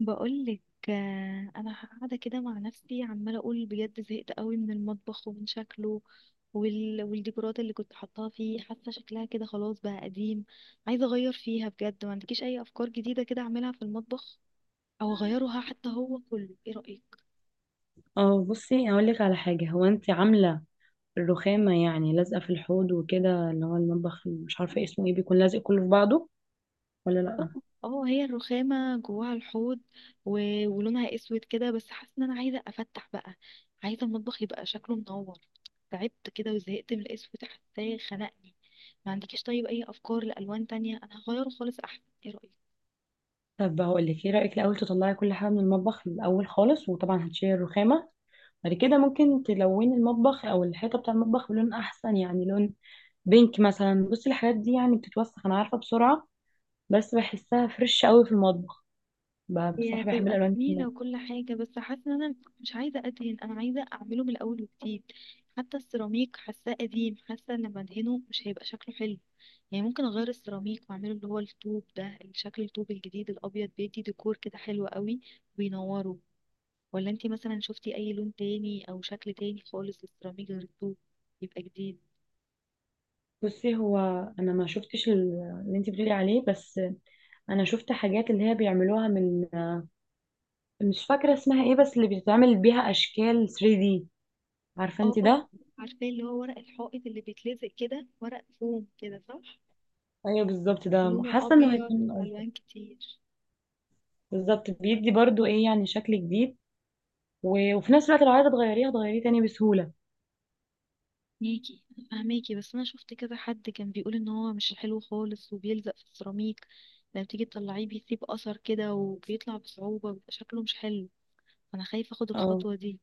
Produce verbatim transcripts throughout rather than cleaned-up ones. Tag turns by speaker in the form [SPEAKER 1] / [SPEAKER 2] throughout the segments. [SPEAKER 1] بقولك آه، انا قاعده كده مع نفسي عماله اقول بجد زهقت قوي من المطبخ ومن شكله وال... والديكورات اللي كنت حاطاها فيه، حاسه شكلها كده خلاص بقى قديم. عايزه اغير فيها بجد، ما عندكيش اي افكار جديده كده اعملها في المطبخ او اغيرها حتى هو كله، ايه رايك؟
[SPEAKER 2] اه، بصي هقول لك على حاجة. هو انت عاملة الرخامة يعني لازقة في الحوض وكده، اللي هو المطبخ مش عارفة اسمه ايه، بيكون لازق كله في بعضه ولا
[SPEAKER 1] اه
[SPEAKER 2] لأ؟
[SPEAKER 1] اه، هي الرخامة جواها الحوض و... ولونها اسود كده، بس حاسة ان انا عايزة افتح بقى. عايزة المطبخ يبقى شكله منور. تعبت كده وزهقت من الاسود، حاساه خنقني. ما عندكيش طيب اي افكار لالوان تانية؟ انا هغيره خالص احسن، ايه رأيك؟
[SPEAKER 2] طب هقول لك، ايه رأيك الأول تطلعي كل حاجة من المطبخ الأول خالص، وطبعا هتشيلي الرخامة. بعد كده ممكن تلوني المطبخ أو الحيطة بتاع المطبخ بلون أحسن، يعني لون بينك مثلا. بصي الحاجات دي يعني بتتوسخ أنا عارفة بسرعة، بس بحسها فريش قوي في المطبخ. ب-
[SPEAKER 1] هي
[SPEAKER 2] بصراحة بحب
[SPEAKER 1] هتبقى
[SPEAKER 2] الألوان.
[SPEAKER 1] جميلة وكل حاجة، بس حاسة ان انا مش عايزة ادهن، انا عايزة اعمله من الاول وجديد. حتى السيراميك حاساه قديم، حاسة ان لما ادهنه مش هيبقى شكله حلو. يعني ممكن اغير السيراميك واعمله اللي هو الطوب ده، شكل الطوب الجديد الابيض بيدي ديكور كده حلو قوي وينوره. ولا انتي مثلا شفتي اي لون تاني او شكل تاني خالص للسيراميك غير الطوب يبقى جديد؟
[SPEAKER 2] بصي هو، انا ما شفتش ال- اللي انت بتقولي عليه، بس انا شفت حاجات اللي هي بيعملوها من، مش فاكره اسمها ايه، بس اللي بتتعمل بيها اشكال ثري دي. عارفه
[SPEAKER 1] اه
[SPEAKER 2] انت
[SPEAKER 1] اه،
[SPEAKER 2] ده؟
[SPEAKER 1] عارفة اللي هو ورق الحائط اللي بيتلزق كده، ورق فوم كده، صح؟
[SPEAKER 2] ايوه بالظبط، ده
[SPEAKER 1] لونه
[SPEAKER 2] حاسه انه
[SPEAKER 1] ابيض
[SPEAKER 2] هيكون ألطف.
[SPEAKER 1] والوان كتير.
[SPEAKER 2] بالظبط، بيدي برضو ايه يعني شكل جديد. و- وفي نفس الوقت لو عايزه تغيريه هتغيريه تاني بسهوله.
[SPEAKER 1] ميكي، فهماكي، بس انا شفت كذا حد كان بيقول ان هو مش حلو خالص وبيلزق في السيراميك، لما تيجي تطلعيه بيسيب اثر كده وبيطلع بصعوبة، بيبقى شكله مش حلو، فانا خايفة اخد
[SPEAKER 2] اه،
[SPEAKER 1] الخطوة دي.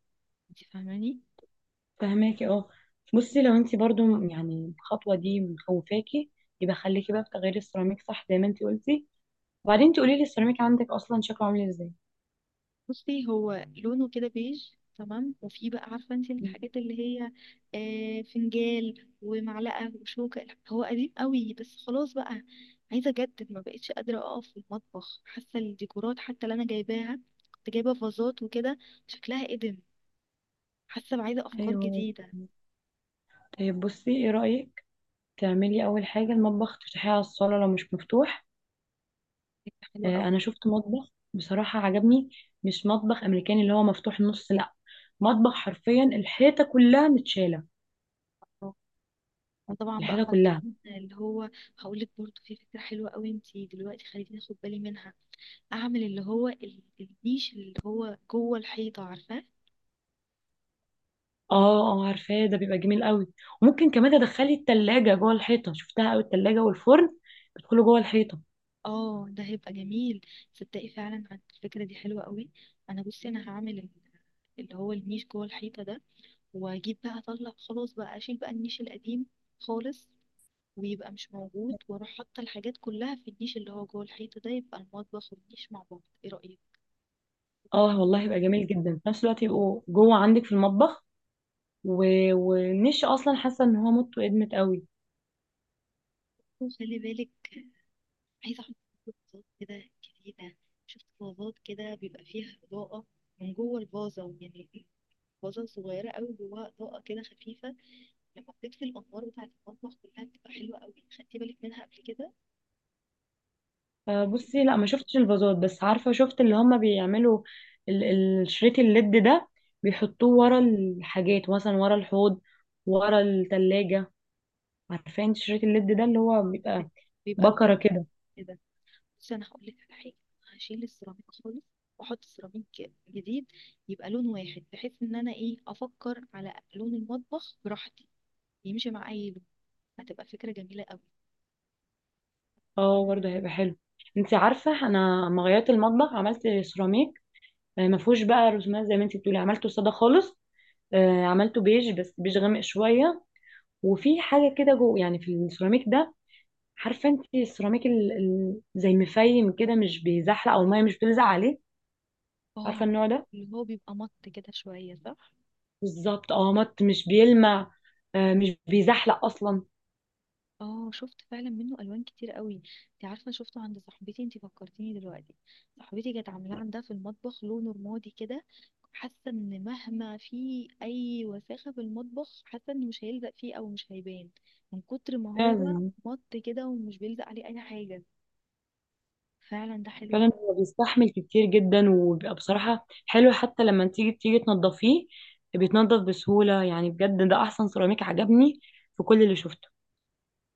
[SPEAKER 1] انت فاهماني؟
[SPEAKER 2] فهماكي اه. بصي لو انت برضو يعني الخطوه دي مخوفاكي، يبقى خليكي بقى في تغيير السيراميك صح زي ما انت قلتي، وبعدين تقولي لي السيراميك عندك اصلا شكله عامل ازاي؟
[SPEAKER 1] بصي هو لونه كده بيج تمام، وفي بقى عارفة انت الحاجات اللي هي آه فنجال ومعلقة وشوكة، هو قديم قوي بس خلاص بقى عايزة اجدد. ما بقتش قادرة اقف في المطبخ، حاسة الديكورات حتى اللي انا جايباها، كنت جايبة فازات وكده، شكلها قديم. حاسه بعايزه افكار
[SPEAKER 2] ايوه.
[SPEAKER 1] جديده.
[SPEAKER 2] طيب بصي، ايه رأيك تعملي اول حاجة المطبخ تفتحيه على الصالة لو مش مفتوح؟
[SPEAKER 1] فكره حلوه
[SPEAKER 2] آه،
[SPEAKER 1] قوي.
[SPEAKER 2] انا شفت مطبخ بصراحة عجبني. مش مطبخ امريكاني اللي هو مفتوح نص، لا، مطبخ حرفيا الحيطة كلها متشالة،
[SPEAKER 1] اه. وطبعا بقى
[SPEAKER 2] الحاجة كلها.
[SPEAKER 1] حاطين اللي هو، هقول لك برضه في فكره حلوه قوي، انت دلوقتي خليتيني اخد بالي منها. اعمل اللي هو ال- النيش اللي هو جوه الحيطه، عارفاه؟
[SPEAKER 2] اه اه، عارفاه ده بيبقى جميل قوي. وممكن كمان تدخلي التلاجة جوه الحيطة، شفتها قوي التلاجة والفرن بيدخلوا جوه الحيطة.
[SPEAKER 1] اه ده هيبقى جميل. صدقي فعلا عن- الفكره دي حلوه قوي. انا بصي انا هعمل ال- اللي هو النيش جوه الحيطه ده، واجيب بقى، اطلع خلاص بقى اشيل بقى النيش القديم خالص، ويبقى مش موجود، واروح حاطه الحاجات كلها في النيش اللي هو جوه الحيطه ده، يبقى المطبخ والنيش مع بعض، ايه رايك؟
[SPEAKER 2] اه والله يبقى جميل جدا، في نفس الوقت يبقوا جوه عندك في المطبخ. و... والنش اصلا حاسه ان هو مدته ادمت قوي.
[SPEAKER 1] خلي بالك، عايزة أحط فازات كده جديدة. شفت فازات كده بيبقى فيها إضاءة من جوه الفازة يعني، فازة صغيرة أوي جواها إضاءة كده خفيفة، لما بتطفي الأنوار بتاعة المطبخ كلها بتبقى حلوة أوي. خدتي بالك منها قبل كده؟
[SPEAKER 2] آه، بصي لا ما شفتش الفازات، بس عارفه شفت اللي هما بيعملوا ال- الشريط الليد ده، بيحطوه ورا الحاجات، مثلا ورا الحوض، ورا التلاجة. عارفه انت شريط الليد ده اللي هو بيبقى
[SPEAKER 1] بيبقى
[SPEAKER 2] بكره
[SPEAKER 1] لونه
[SPEAKER 2] كده؟
[SPEAKER 1] كده. بس أنا هقول لك على حاجة، هشيل السيراميك خالص وأحط سيراميك جديد، يبقى لون واحد بحيث إن أنا إيه، أفكر على لون المطبخ براحتي، يمشي مع أي لون. هتبقى فكرة جميلة
[SPEAKER 2] اه
[SPEAKER 1] أوي.
[SPEAKER 2] برضه هيبقى حلو. انت عارفه انا لما غيرت المطبخ عملت سيراميك، آه، ما فيهوش بقى رسومات زي ما انت بتقولي، عملته ساده خالص. آه، عملته بيج، بس بيج غامق شويه. وفي حاجه كده جوه يعني في السيراميك ده. عارفه انت السيراميك ال... ال... زي مفيم كده مش بيزحلق، او الميه مش بتلزق عليه.
[SPEAKER 1] اه
[SPEAKER 2] عارفه
[SPEAKER 1] عارفة
[SPEAKER 2] النوع ده.
[SPEAKER 1] اللي هو بيبقى مط كده شوية، صح؟
[SPEAKER 2] بالظبط اه، مط مش بيلمع. آه، مش بيزحلق اصلا.
[SPEAKER 1] اه شفت فعلا منه الوان كتير قوي. انت عارفة شفته عند صاحبتي، انت فكرتيني دلوقتي، صاحبتي كانت عاملاه عندها في المطبخ لونه رمادي كده، حاسة ان مهما في اي وساخة في المطبخ، حاسة انه مش هيلزق فيه او مش هيبان من كتر ما هو
[SPEAKER 2] فعلا.
[SPEAKER 1] مط كده ومش بيلزق عليه اي حاجة. فعلا ده حلو.
[SPEAKER 2] فعلا هو بيستحمل كتير جدا، وبيبقى بصراحه حلو، حتى لما تيجي تيجي تنضفيه بيتنضف بسهوله، يعني بجد ده احسن سيراميك عجبني في كل اللي شفته.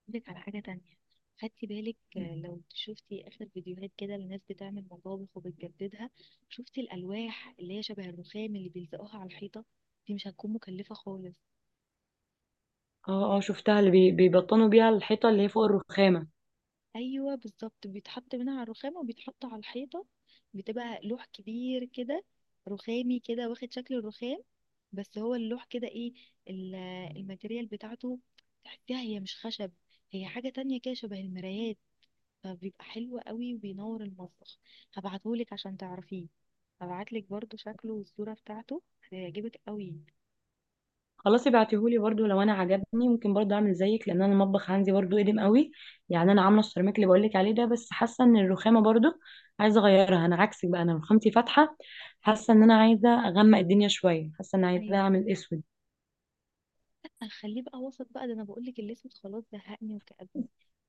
[SPEAKER 1] لك على حاجة تانية، خدتي بالك آه، لو شفتي آخر فيديوهات كده لناس بتعمل مطابخ وبتجددها؟ شفتي الألواح اللي هي شبه الرخام اللي بيلزقوها على الحيطة؟ دي مش هتكون مكلفة خالص.
[SPEAKER 2] اه اه، شفتها اللي بي- بيبطنوا بيها الحيطه اللي هي فوق الرخامه.
[SPEAKER 1] أيوة بالظبط، بيتحط منها على الرخام وبيتحط على الحيطة، بتبقى لوح كبير كده رخامي كده واخد شكل الرخام. بس هو اللوح كده ايه ال- الماتيريال بتاعته، تحسيها هي مش خشب، هي حاجة تانية كده شبه المرايات، فبيبقى حلو قوي وبينور المطبخ. هبعتهولك عشان تعرفيه، هبعتلك برضو شكله والصورة بتاعته، هيعجبك قوي.
[SPEAKER 2] خلاص ابعتيهولي برضو، لو انا عجبني ممكن برضو اعمل زيك، لان انا المطبخ عندي برضو قديم قوي. يعني انا عامله السيراميك اللي بقولك عليه ده، بس حاسه ان الرخامه برضو عايزه اغيرها. انا عكسك بقى، انا رخامتي فاتحه، حاسه ان انا عايزه اغمق الدنيا شويه، حاسه ان عايزه
[SPEAKER 1] يعني
[SPEAKER 2] اعمل اسود.
[SPEAKER 1] اخليه بقى وسط بقى، ده انا بقولك الاسود خلاص زهقني وكأبني.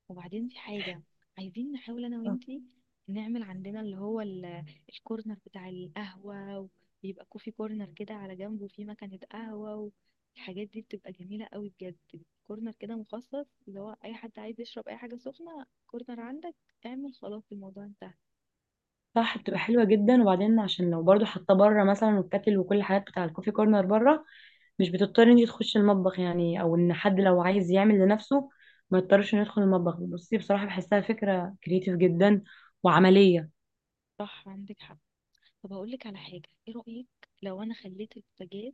[SPEAKER 1] وبعدين في حاجة، عايزين نحاول انا وانتي نعمل عندنا اللي هو ال- الكورنر بتاع القهوة، ويبقى كوفي كورنر كده على جنبه فيه مكنة قهوة، والحاجات دي بتبقى جميلة قوي بجد. كورنر كده مخصص اللي هو اي حد عايز يشرب اي حاجة سخنة، كورنر عندك اعمل، خلاص الموضوع انتهى.
[SPEAKER 2] صح، بتبقى حلوه جدا. وبعدين عشان لو برضو حاطه بره مثلا، والكاتل وكل الحاجات بتاع الكوفي كورنر بره، مش بتضطري انتي تخشي المطبخ يعني، او ان حد لو عايز يعمل لنفسه ما يضطرش انه يدخل المطبخ. بصي بصراحه بحسها فكره كريتيف جدا وعمليه.
[SPEAKER 1] صح عندك حق. طب هقول لك على حاجه، ايه رايك لو انا خليت البوتاجاز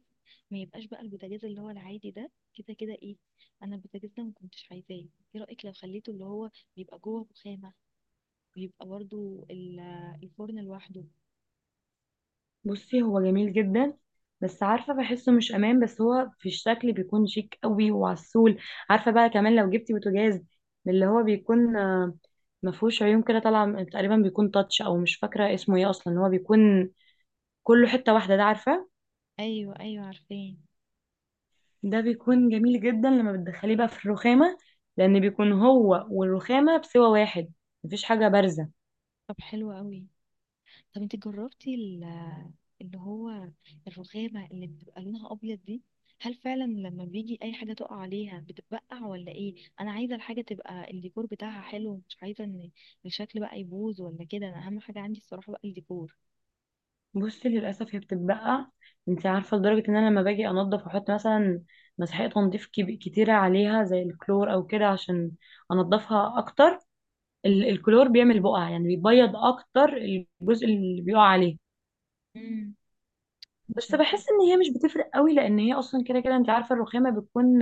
[SPEAKER 1] ما يبقاش بقى البوتاجاز اللي هو العادي ده، كده كده ايه، انا البوتاجاز ده ما كنتش عايزاه. ايه رايك لو خليته اللي هو بيبقى جوه رخامه، بيبقى برضو ال- الفرن لوحده؟
[SPEAKER 2] بصي هو جميل جدا، بس عارفه بحسه مش امان، بس هو في الشكل بيكون شيك قوي وعسول. عارفه بقى، كمان لو جبتي بوتاجاز من اللي هو بيكون آه، ما فيهوش عيون كده طالعه من- تقريبا، بيكون تاتش او مش فاكره اسمه ايه اصلا، هو بيكون كله حته واحده ده، عارفه؟
[SPEAKER 1] ايوه ايوه عارفاه.
[SPEAKER 2] ده بيكون جميل جدا لما بتدخليه بقى في الرخامه، لان بيكون هو والرخامه بسوى واحد، مفيش حاجه بارزه.
[SPEAKER 1] طب حلو قوي. طب انت جربتي ال- اللي هو الرخامة اللي بتبقى لونها أبيض دي؟ هل فعلا لما بيجي أي حاجة تقع عليها بتتبقع ولا إيه؟ أنا عايزة الحاجة تبقى الديكور بتاعها حلو، مش عايزة إن الشكل بقى يبوظ ولا كده، أنا أهم حاجة عندي الصراحة بقى الديكور.
[SPEAKER 2] بصي للاسف هي بتتبقى. انت عارفه لدرجه ان انا لما باجي انضف واحط مثلا مسحوق تنظيف كب- كتيره عليها زي الكلور او كده عشان انضفها اكتر، ال- الكلور بيعمل بقع، يعني بيبيض اكتر الجزء اللي بيقع عليه.
[SPEAKER 1] امم،
[SPEAKER 2] بس
[SPEAKER 1] عشان كده.
[SPEAKER 2] بحس ان هي مش بتفرق قوي، لان هي اصلا كده كده انت عارفه الرخامه بتكون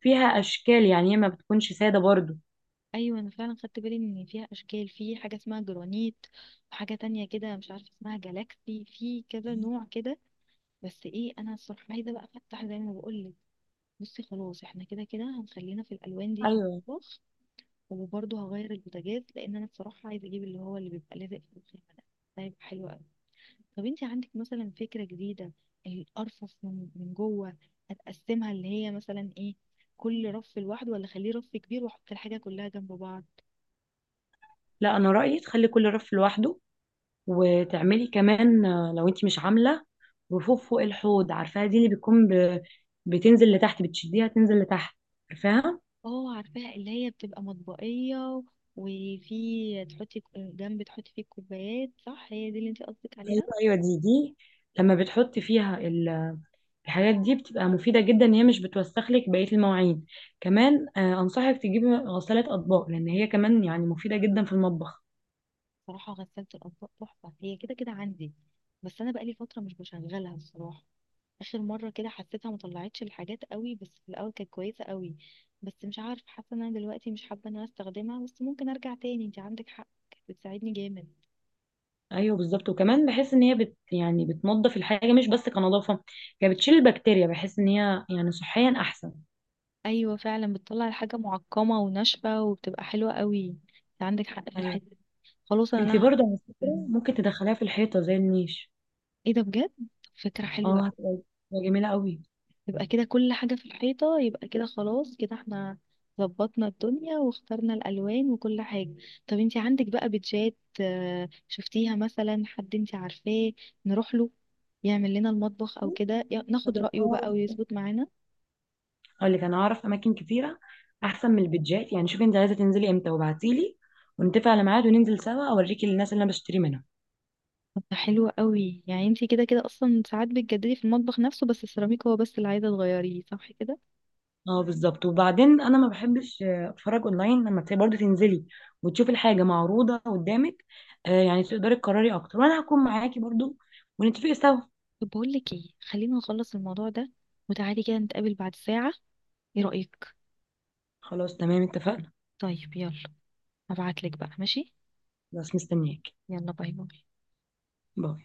[SPEAKER 2] فيها اشكال، يعني هي ما بتكونش ساده برضو.
[SPEAKER 1] أيوة أنا فعلا خدت بالي إن فيها أشكال، في حاجة اسمها جرانيت وحاجة تانية كده مش عارفة اسمها جالاكسي، في كذا نوع كده. بس إيه، أنا الصراحة عايزة بقى أفتح زي ما بقول. بصي خلاص احنا كده كده هنخلينا في الالوان دي في
[SPEAKER 2] ايوه.
[SPEAKER 1] المطبخ، وبرضه هغير البوتاجاز لان انا بصراحه عايزه اجيب اللي هو اللي بيبقى لازق في الخيمه ده، ده هيبقى حلو قوي. طب انت عندك مثلا فكره جديده؟ الارفف من من جوه هتقسمها اللي هي مثلا ايه، كل رف لوحده ولا اخليه رف كبير واحط الحاجه كلها جنب بعض؟
[SPEAKER 2] لا انا رايي تخلي كل رف لوحده، وتعملي كمان آه، لو انت مش عامله رفوف فوق الحوض، عارفاها دي اللي بتكون ب... بتنزل لتحت، بتشديها تنزل لتحت، عارفاها؟
[SPEAKER 1] اه عارفاها اللي هي بتبقى مطبقيه، وفي تحطي ك- جنب تحطي فيه الكوبايات، صح؟ هي دي اللي انت قصدك
[SPEAKER 2] ايوه
[SPEAKER 1] عليها؟
[SPEAKER 2] ايوه، دي دي لما بتحطي فيها ال- الحاجات دي بتبقى مفيده جدا ان هي مش بتوسخ لك بقيه المواعين. كمان آه، انصحك تجيبي غساله اطباق، لان هي كمان يعني مفيده جدا في المطبخ.
[SPEAKER 1] صراحة غسالة الأطباق تحفة، هي كده كده عندي بس أنا بقالي فترة مش بشغلها الصراحة. آخر مرة كده حسيتها مطلعتش الحاجات قوي، بس في الأول كانت كويسة قوي. بس مش عارف، حاسة إن أنا دلوقتي مش حابة إن أنا أستخدمها، بس ممكن أرجع تاني، أنت عندك حق كانت بتساعدني جامد.
[SPEAKER 2] ايوه بالظبط، وكمان بحس ان هي بت يعني بتنظف الحاجه مش بس كنظافه، هي بتشيل البكتيريا، بحس ان هي يعني صحيا احسن.
[SPEAKER 1] أيوة فعلا بتطلع الحاجة معقمة وناشفة وبتبقى حلوة قوي. أنت عندك حق في
[SPEAKER 2] ايوه.
[SPEAKER 1] الحتة دي. خلاص أنا
[SPEAKER 2] انتي
[SPEAKER 1] لها.
[SPEAKER 2] برضه على فكرة ممكن تدخليها في الحيطة زي النيش.
[SPEAKER 1] إيه ده بجد، فكرة حلوة.
[SPEAKER 2] اه، هتبقى هتبقى جميلة قوي.
[SPEAKER 1] يبقى كده كل حاجة في الحيطة، يبقى كده خلاص كده، احنا ظبطنا الدنيا واخترنا الألوان وكل حاجة. طب انتي عندك بقى بيتجات آه، شفتيها مثلا، حد انتي عارفاه نروح له يعمل لنا المطبخ او كده يا- ناخد
[SPEAKER 2] انا
[SPEAKER 1] رأيه بقى
[SPEAKER 2] أعرف-
[SPEAKER 1] ويظبط معانا؟
[SPEAKER 2] اقول لك، انا اعرف اماكن كتيرة احسن من البيتجات، يعني شوفي انت عايزة تنزلي امتى وابعتيلي، ونتفق على ميعاد وننزل سوا اوريكي الناس اللي انا بشتري منها.
[SPEAKER 1] طب ده حلو قوي، يعني انتي كده كده اصلا ساعات بتجددي في المطبخ نفسه بس السيراميك هو بس اللي عايزة تغيريه، صح كده؟
[SPEAKER 2] اه بالظبط، وبعدين انا ما بحبش آه، اتفرج اونلاين. لما تبقي برضه تنزلي وتشوفي الحاجة معروضة قدامك، آه، يعني تقدري تقرري اكتر، وانا هكون معاكي برضه، ونتفق سوا.
[SPEAKER 1] طب بقول لك ايه، خلينا نخلص الموضوع ده وتعالي كده نتقابل بعد ساعة، ايه رأيك؟
[SPEAKER 2] خلاص تمام، اتفقنا.
[SPEAKER 1] طيب يلا، هبعتلك بقى، ماشي،
[SPEAKER 2] بس مستنياكي.
[SPEAKER 1] يلا باي باي.
[SPEAKER 2] باي.